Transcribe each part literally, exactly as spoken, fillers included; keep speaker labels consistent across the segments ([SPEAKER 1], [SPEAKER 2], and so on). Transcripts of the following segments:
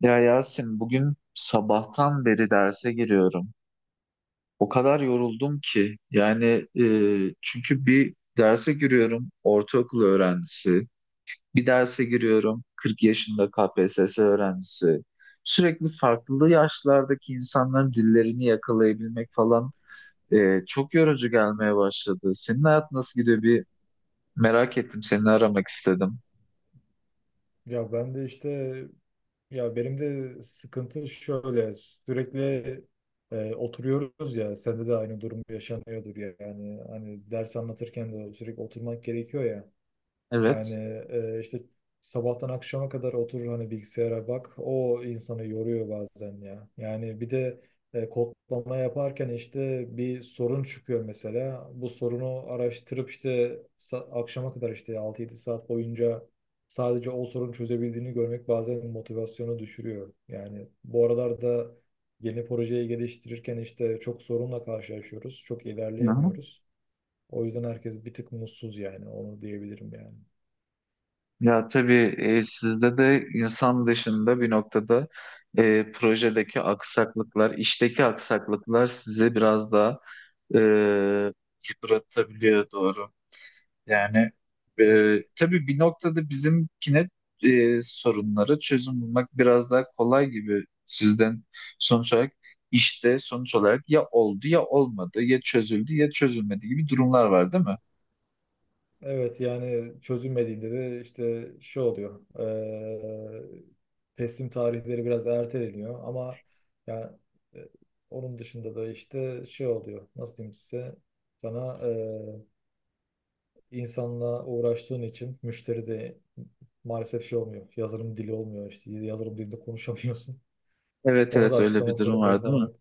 [SPEAKER 1] Ya Yasin bugün sabahtan beri derse giriyorum. O kadar yoruldum ki yani e, çünkü bir derse giriyorum ortaokul öğrencisi, bir derse giriyorum kırk yaşında K P S S öğrencisi. Sürekli farklı yaşlardaki insanların dillerini yakalayabilmek falan e, çok yorucu gelmeye başladı. Senin hayat nasıl gidiyor bir merak ettim, seni aramak istedim.
[SPEAKER 2] Ya ben de işte ya benim de sıkıntı şöyle sürekli e, oturuyoruz ya, sende de aynı durum yaşanıyordur ya, yani hani ders anlatırken de sürekli oturmak gerekiyor ya. Yani
[SPEAKER 1] Evet.
[SPEAKER 2] e, işte sabahtan akşama kadar oturur hani bilgisayara bak. O insanı yoruyor bazen ya. Yani bir de e, kodlama yaparken işte bir sorun çıkıyor mesela. Bu sorunu araştırıp işte sa- akşama kadar işte altı yedi saat boyunca sadece o sorunu çözebildiğini görmek bazen motivasyonu düşürüyor. Yani bu aralarda yeni projeyi geliştirirken işte çok sorunla karşılaşıyoruz. Çok
[SPEAKER 1] Hı hı.
[SPEAKER 2] ilerleyemiyoruz. O yüzden herkes bir tık mutsuz, yani onu diyebilirim yani.
[SPEAKER 1] Ya tabii, e, sizde de insan dışında bir noktada e, projedeki aksaklıklar, işteki aksaklıklar sizi biraz daha e, yıpratabiliyor, doğru. Yani e,
[SPEAKER 2] Evet.
[SPEAKER 1] tabii bir noktada bizimkine, e, sorunlara çözüm bulmak biraz daha kolay gibi sizden. Sonuç olarak işte sonuç olarak ya oldu ya olmadı, ya çözüldü ya çözülmedi gibi durumlar var, değil mi?
[SPEAKER 2] Evet, yani çözülmediğinde de işte şu oluyor. eee, teslim tarihleri biraz erteleniyor, ama yani e, onun dışında da işte şey oluyor. Nasıl diyeyim size? Sana eee insanla uğraştığın için müşteri de maalesef şey olmuyor. Yazılım dili olmuyor işte. Yazılım dilinde konuşamıyorsun.
[SPEAKER 1] Evet
[SPEAKER 2] Onu da
[SPEAKER 1] evet, öyle bir
[SPEAKER 2] açıklamak
[SPEAKER 1] durum
[SPEAKER 2] zorunda
[SPEAKER 1] var değil mi?
[SPEAKER 2] falan.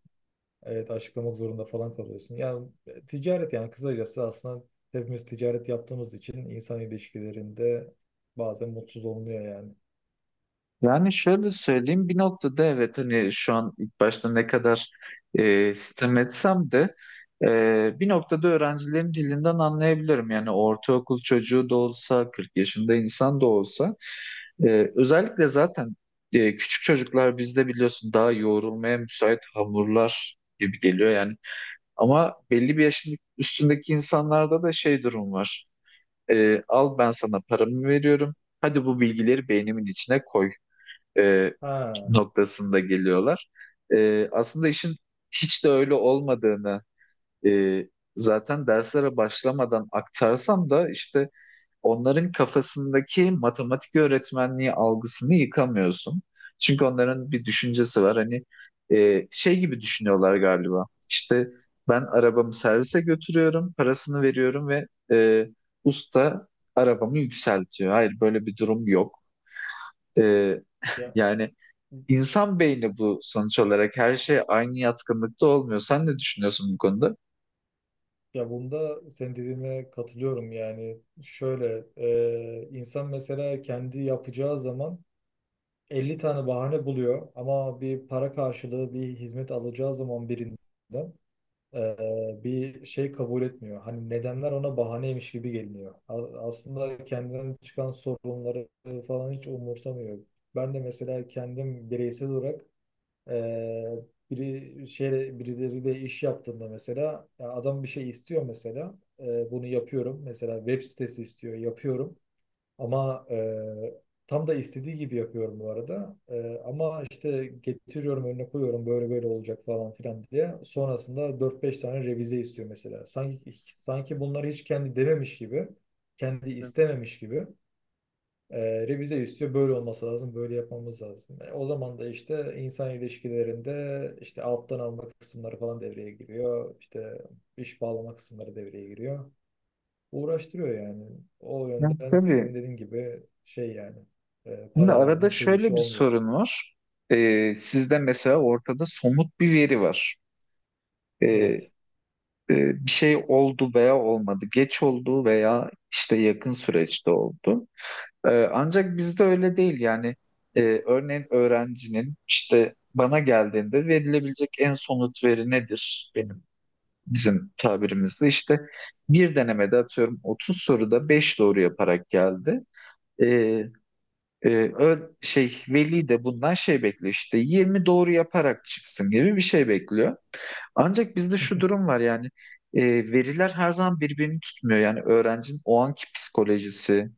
[SPEAKER 2] Evet, açıklamak zorunda falan kalıyorsun. Yani e, ticaret, yani kısacası aslında hepimiz ticaret yaptığımız için insan ilişkilerinde bazen mutsuz olmuyor yani.
[SPEAKER 1] Yani şöyle söyleyeyim, bir noktada evet, hani şu an ilk başta ne kadar e, sitem etsem de e, bir noktada öğrencilerin dilinden anlayabilirim. Yani ortaokul çocuğu da olsa, kırk yaşında insan da olsa, e, özellikle zaten e, küçük çocuklar bizde biliyorsun, daha yoğrulmaya müsait hamurlar gibi geliyor yani. Ama belli bir yaşın üstündeki insanlarda da şey durum var. E, al, ben sana paramı veriyorum. Hadi bu bilgileri beynimin içine koy. E,
[SPEAKER 2] Ha,
[SPEAKER 1] noktasında geliyorlar. Ee, aslında işin hiç de öyle olmadığını, e, zaten derslere başlamadan aktarsam da işte, onların kafasındaki matematik öğretmenliği algısını yıkamıyorsun. Çünkü onların bir düşüncesi var. Hani e, şey gibi düşünüyorlar galiba. İşte ben arabamı servise götürüyorum, parasını veriyorum ve e, usta arabamı yükseltiyor. Hayır, böyle bir durum yok. E,
[SPEAKER 2] ya
[SPEAKER 1] yani İnsan beyni bu, sonuç olarak her şey aynı yatkınlıkta olmuyor. Sen ne düşünüyorsun bu konuda?
[SPEAKER 2] ya bunda senin dediğine katılıyorum yani. Şöyle, e, insan mesela kendi yapacağı zaman elli tane bahane buluyor, ama bir para karşılığı bir hizmet alacağı zaman birinden e, bir şey kabul etmiyor. Hani nedenler ona bahaneymiş gibi geliniyor. A- Aslında kendinden çıkan sorunları falan hiç umursamıyor. Ben de mesela kendim bireysel olarak e, biri şey birileriyle iş yaptığımda, mesela ya adam bir şey istiyor mesela. E, bunu yapıyorum. Mesela web sitesi istiyor, yapıyorum. Ama e, tam da istediği gibi yapıyorum bu arada. E, ama işte getiriyorum önüne koyuyorum, böyle böyle olacak falan filan diye. Sonrasında dört beş tane revize istiyor mesela. Sanki sanki bunları hiç kendi dememiş gibi, kendi istememiş gibi e, revize istiyor. Böyle olması lazım, böyle yapmamız lazım. E, o zaman da işte insan ilişkilerinde işte alttan alma kısımları falan devreye giriyor. İşte iş bağlama kısımları devreye giriyor, uğraştırıyor yani. O
[SPEAKER 1] Hı.
[SPEAKER 2] yönden
[SPEAKER 1] Tabii.
[SPEAKER 2] senin dediğin gibi, şey yani, e,
[SPEAKER 1] Şimdi
[SPEAKER 2] para
[SPEAKER 1] arada
[SPEAKER 2] verdim çöz işi
[SPEAKER 1] şöyle bir
[SPEAKER 2] olmuyor.
[SPEAKER 1] sorun var. Ee, sizde mesela ortada somut bir veri var. Ee,
[SPEAKER 2] Evet,
[SPEAKER 1] e, Bir şey oldu veya olmadı. Geç oldu veya işte yakın süreçte oldu. Ee, ancak bizde öyle değil. Yani e, örneğin öğrencinin işte bana geldiğinde verilebilecek en somut veri nedir? Benim bizim tabirimizde işte, bir denemede atıyorum otuz soruda beş doğru yaparak geldi. Ee, e, ö- şey Veli de bundan şey bekliyor, işte yirmi doğru yaparak çıksın gibi bir şey bekliyor. Ancak bizde şu durum var yani, e, veriler her zaman birbirini tutmuyor. Yani öğrencinin o anki psikolojisi,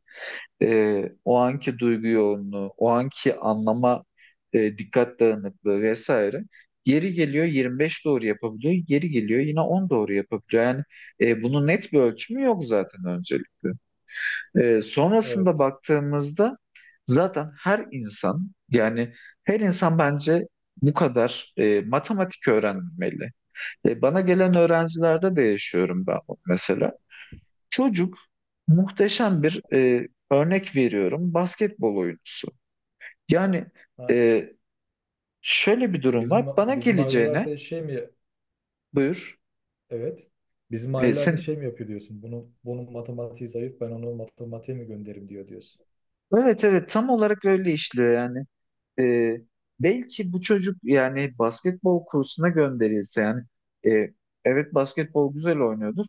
[SPEAKER 1] e, o anki duygu yoğunluğu, o anki anlama, e, dikkat dağınıklığı vesaire. Geri geliyor yirmi beş doğru yapabiliyor, geri geliyor yine on doğru yapabiliyor. Yani e, bunun net bir ölçümü yok zaten, öncelikle. E, sonrasında
[SPEAKER 2] evet.
[SPEAKER 1] baktığımızda zaten her insan, yani her insan bence bu kadar e, matematik öğrenmeli. E, bana gelen öğrencilerde de yaşıyorum ben bunu mesela. Çocuk muhteşem bir, e, örnek veriyorum, basketbol oyuncusu. Yani
[SPEAKER 2] Ha,
[SPEAKER 1] e, şöyle bir durum var.
[SPEAKER 2] bizim
[SPEAKER 1] Bana
[SPEAKER 2] bizim
[SPEAKER 1] geleceğine
[SPEAKER 2] ailelerde şey mi?
[SPEAKER 1] buyur.
[SPEAKER 2] Evet. Bizim
[SPEAKER 1] E, sen
[SPEAKER 2] ailelerde şey mi yapıyor diyorsun? Bunun bunun matematiği zayıf. Ben onu matematiğe mi gönderim diyor diyorsun.
[SPEAKER 1] evet evet, tam olarak öyle işliyor yani. e, Belki bu çocuk yani basketbol kursuna gönderilse, yani e, evet, basketbol güzel oynuyordur.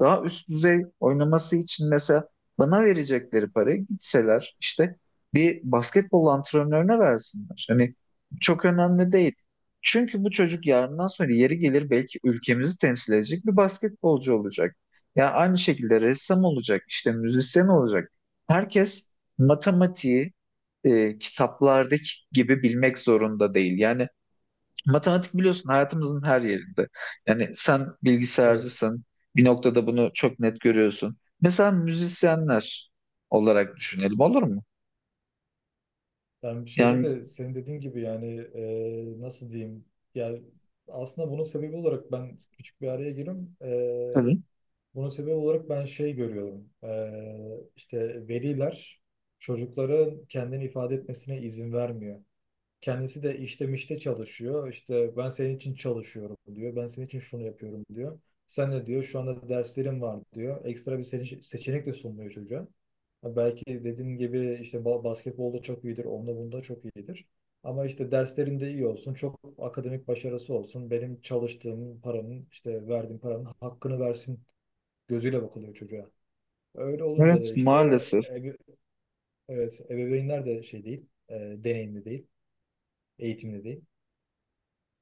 [SPEAKER 1] Daha üst düzey oynaması için mesela bana verecekleri parayı gitseler işte bir basketbol antrenörüne versinler. Hani çok önemli değil. Çünkü bu çocuk yarından sonra yeri gelir belki ülkemizi temsil edecek bir basketbolcu olacak. Yani aynı şekilde ressam olacak, işte müzisyen olacak. Herkes matematiği e, kitaplardaki gibi bilmek zorunda değil. Yani matematik biliyorsun hayatımızın her yerinde. Yani sen
[SPEAKER 2] Evet.
[SPEAKER 1] bilgisayarcısın, bir noktada bunu çok net görüyorsun. Mesela müzisyenler olarak düşünelim, olur mu?
[SPEAKER 2] Ben bir şeyde
[SPEAKER 1] Yani.
[SPEAKER 2] de senin dediğin gibi, yani e, nasıl diyeyim? Yani aslında bunun sebebi olarak ben küçük bir araya gireyim.
[SPEAKER 1] Tabii.
[SPEAKER 2] Bunun sebebi olarak ben şey görüyorum. Ee, işte veliler çocukların kendini ifade etmesine izin vermiyor. Kendisi de işte mişte çalışıyor. İşte ben senin için çalışıyorum diyor. Ben senin için şunu yapıyorum diyor. Sen de diyor şu anda derslerim var diyor. Ekstra bir seçe- seçenek de sunmuyor çocuğa. Ha, belki dediğin gibi işte ba- basketbolda çok iyidir. Onda bunda çok iyidir. Ama işte derslerinde iyi olsun, çok akademik başarısı olsun, benim çalıştığım paranın, işte verdiğim paranın hakkını versin gözüyle bakılıyor çocuğa. Öyle olunca da
[SPEAKER 1] Evet
[SPEAKER 2] işte
[SPEAKER 1] maalesef.
[SPEAKER 2] ebe- evet, ebeveynler de şey değil, e, deneyimli değil, eğitimli değil.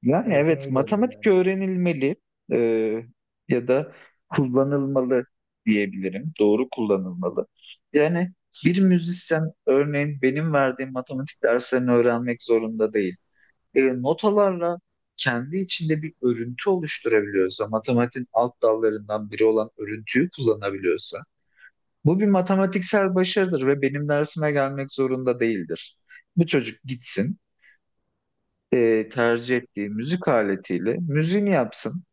[SPEAKER 1] Yani
[SPEAKER 2] O yüzden
[SPEAKER 1] evet,
[SPEAKER 2] öyle oluyor
[SPEAKER 1] matematik
[SPEAKER 2] yani.
[SPEAKER 1] öğrenilmeli e, ya da kullanılmalı diyebilirim. Doğru kullanılmalı. Yani bir müzisyen örneğin benim verdiğim matematik derslerini öğrenmek zorunda değil. E, notalarla kendi içinde bir örüntü oluşturabiliyorsa, matematiğin alt dallarından biri olan örüntüyü kullanabiliyorsa, bu bir matematiksel başarıdır ve benim dersime gelmek zorunda değildir. Bu çocuk gitsin, e, tercih ettiği müzik aletiyle müziğini yapsın.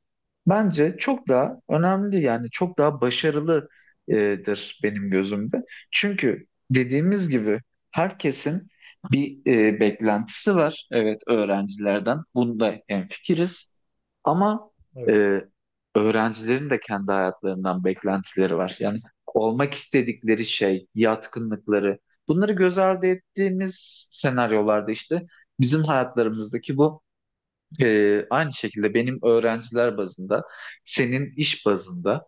[SPEAKER 1] Bence çok daha önemli, yani çok daha başarılıdır benim gözümde. Çünkü dediğimiz gibi herkesin bir e, beklentisi var. Evet, öğrencilerden bunda hemfikiriz. Ama
[SPEAKER 2] Evet.
[SPEAKER 1] e, öğrencilerin de kendi hayatlarından beklentileri var. Yani olmak istedikleri şey, yatkınlıkları, bunları göz ardı ettiğimiz senaryolarda işte bizim hayatlarımızdaki bu, ee, aynı şekilde benim öğrenciler bazında, senin iş bazında,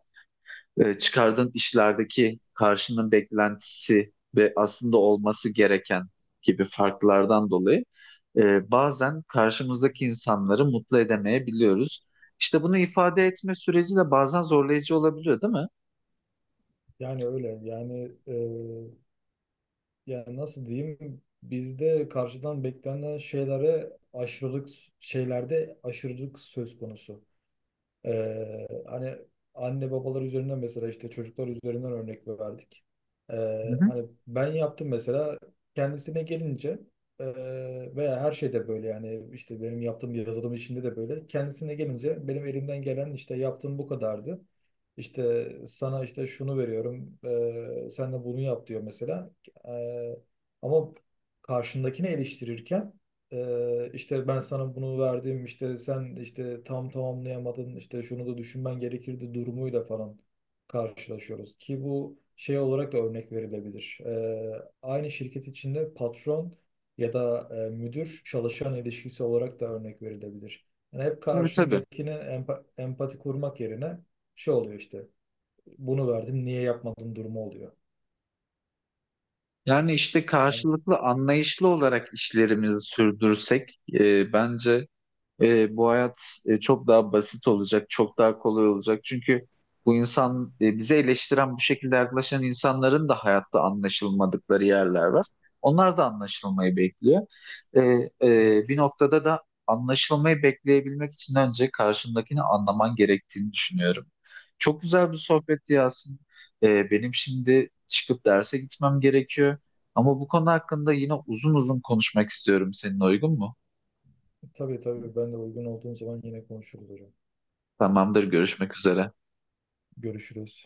[SPEAKER 1] e, çıkardığın işlerdeki karşının beklentisi ve aslında olması gereken gibi farklardan dolayı e, bazen karşımızdaki insanları mutlu edemeyebiliyoruz. İşte bunu ifade etme süreci de bazen zorlayıcı olabiliyor, değil mi?
[SPEAKER 2] Yani öyle. Yani e, yani nasıl diyeyim? Bizde karşıdan beklenen şeylere aşırılık şeylerde aşırılık söz konusu. Ee, hani anne babalar üzerinden, mesela işte çocuklar üzerinden örnek verdik.
[SPEAKER 1] Hı
[SPEAKER 2] Ee,
[SPEAKER 1] hı.
[SPEAKER 2] hani ben yaptım mesela kendisine gelince, e, veya her şeyde böyle yani, işte benim yaptığım yazılım işinde de böyle kendisine gelince benim elimden gelen, işte yaptığım bu kadardı. İşte sana işte şunu veriyorum, ee, sen de bunu yap diyor mesela. Ee, ama karşındakini eleştirirken, ee, işte ben sana bunu verdim, işte sen işte tam tamamlayamadın, işte şunu da düşünmen gerekirdi durumuyla falan karşılaşıyoruz ki bu şey olarak da örnek verilebilir. Ee, aynı şirket içinde patron ya da e, müdür çalışan ilişkisi olarak da örnek verilebilir. Yani hep
[SPEAKER 1] Tabii tabii.
[SPEAKER 2] karşındakine empa- empati kurmak yerine şey oluyor, işte bunu verdim niye yapmadın durumu oluyor.
[SPEAKER 1] Yani işte
[SPEAKER 2] Yani
[SPEAKER 1] karşılıklı anlayışlı olarak işlerimizi sürdürsek e, bence e, bu hayat e, çok daha basit olacak, çok daha kolay olacak. Çünkü bu insan, e, bize eleştiren bu şekilde yaklaşan insanların da hayatta anlaşılmadıkları yerler var. Onlar da anlaşılmayı bekliyor. E, e,
[SPEAKER 2] evet,
[SPEAKER 1] bir noktada da anlaşılmayı bekleyebilmek için önce karşındakini anlaman gerektiğini düşünüyorum. Çok güzel bir sohbetti Yasin. E, benim şimdi çıkıp derse gitmem gerekiyor. Ama bu konu hakkında yine uzun uzun konuşmak istiyorum. Seninle uygun mu?
[SPEAKER 2] tabii, tabii, ben de uygun olduğum zaman yine konuşuruz hocam.
[SPEAKER 1] Tamamdır, görüşmek üzere.
[SPEAKER 2] Görüşürüz.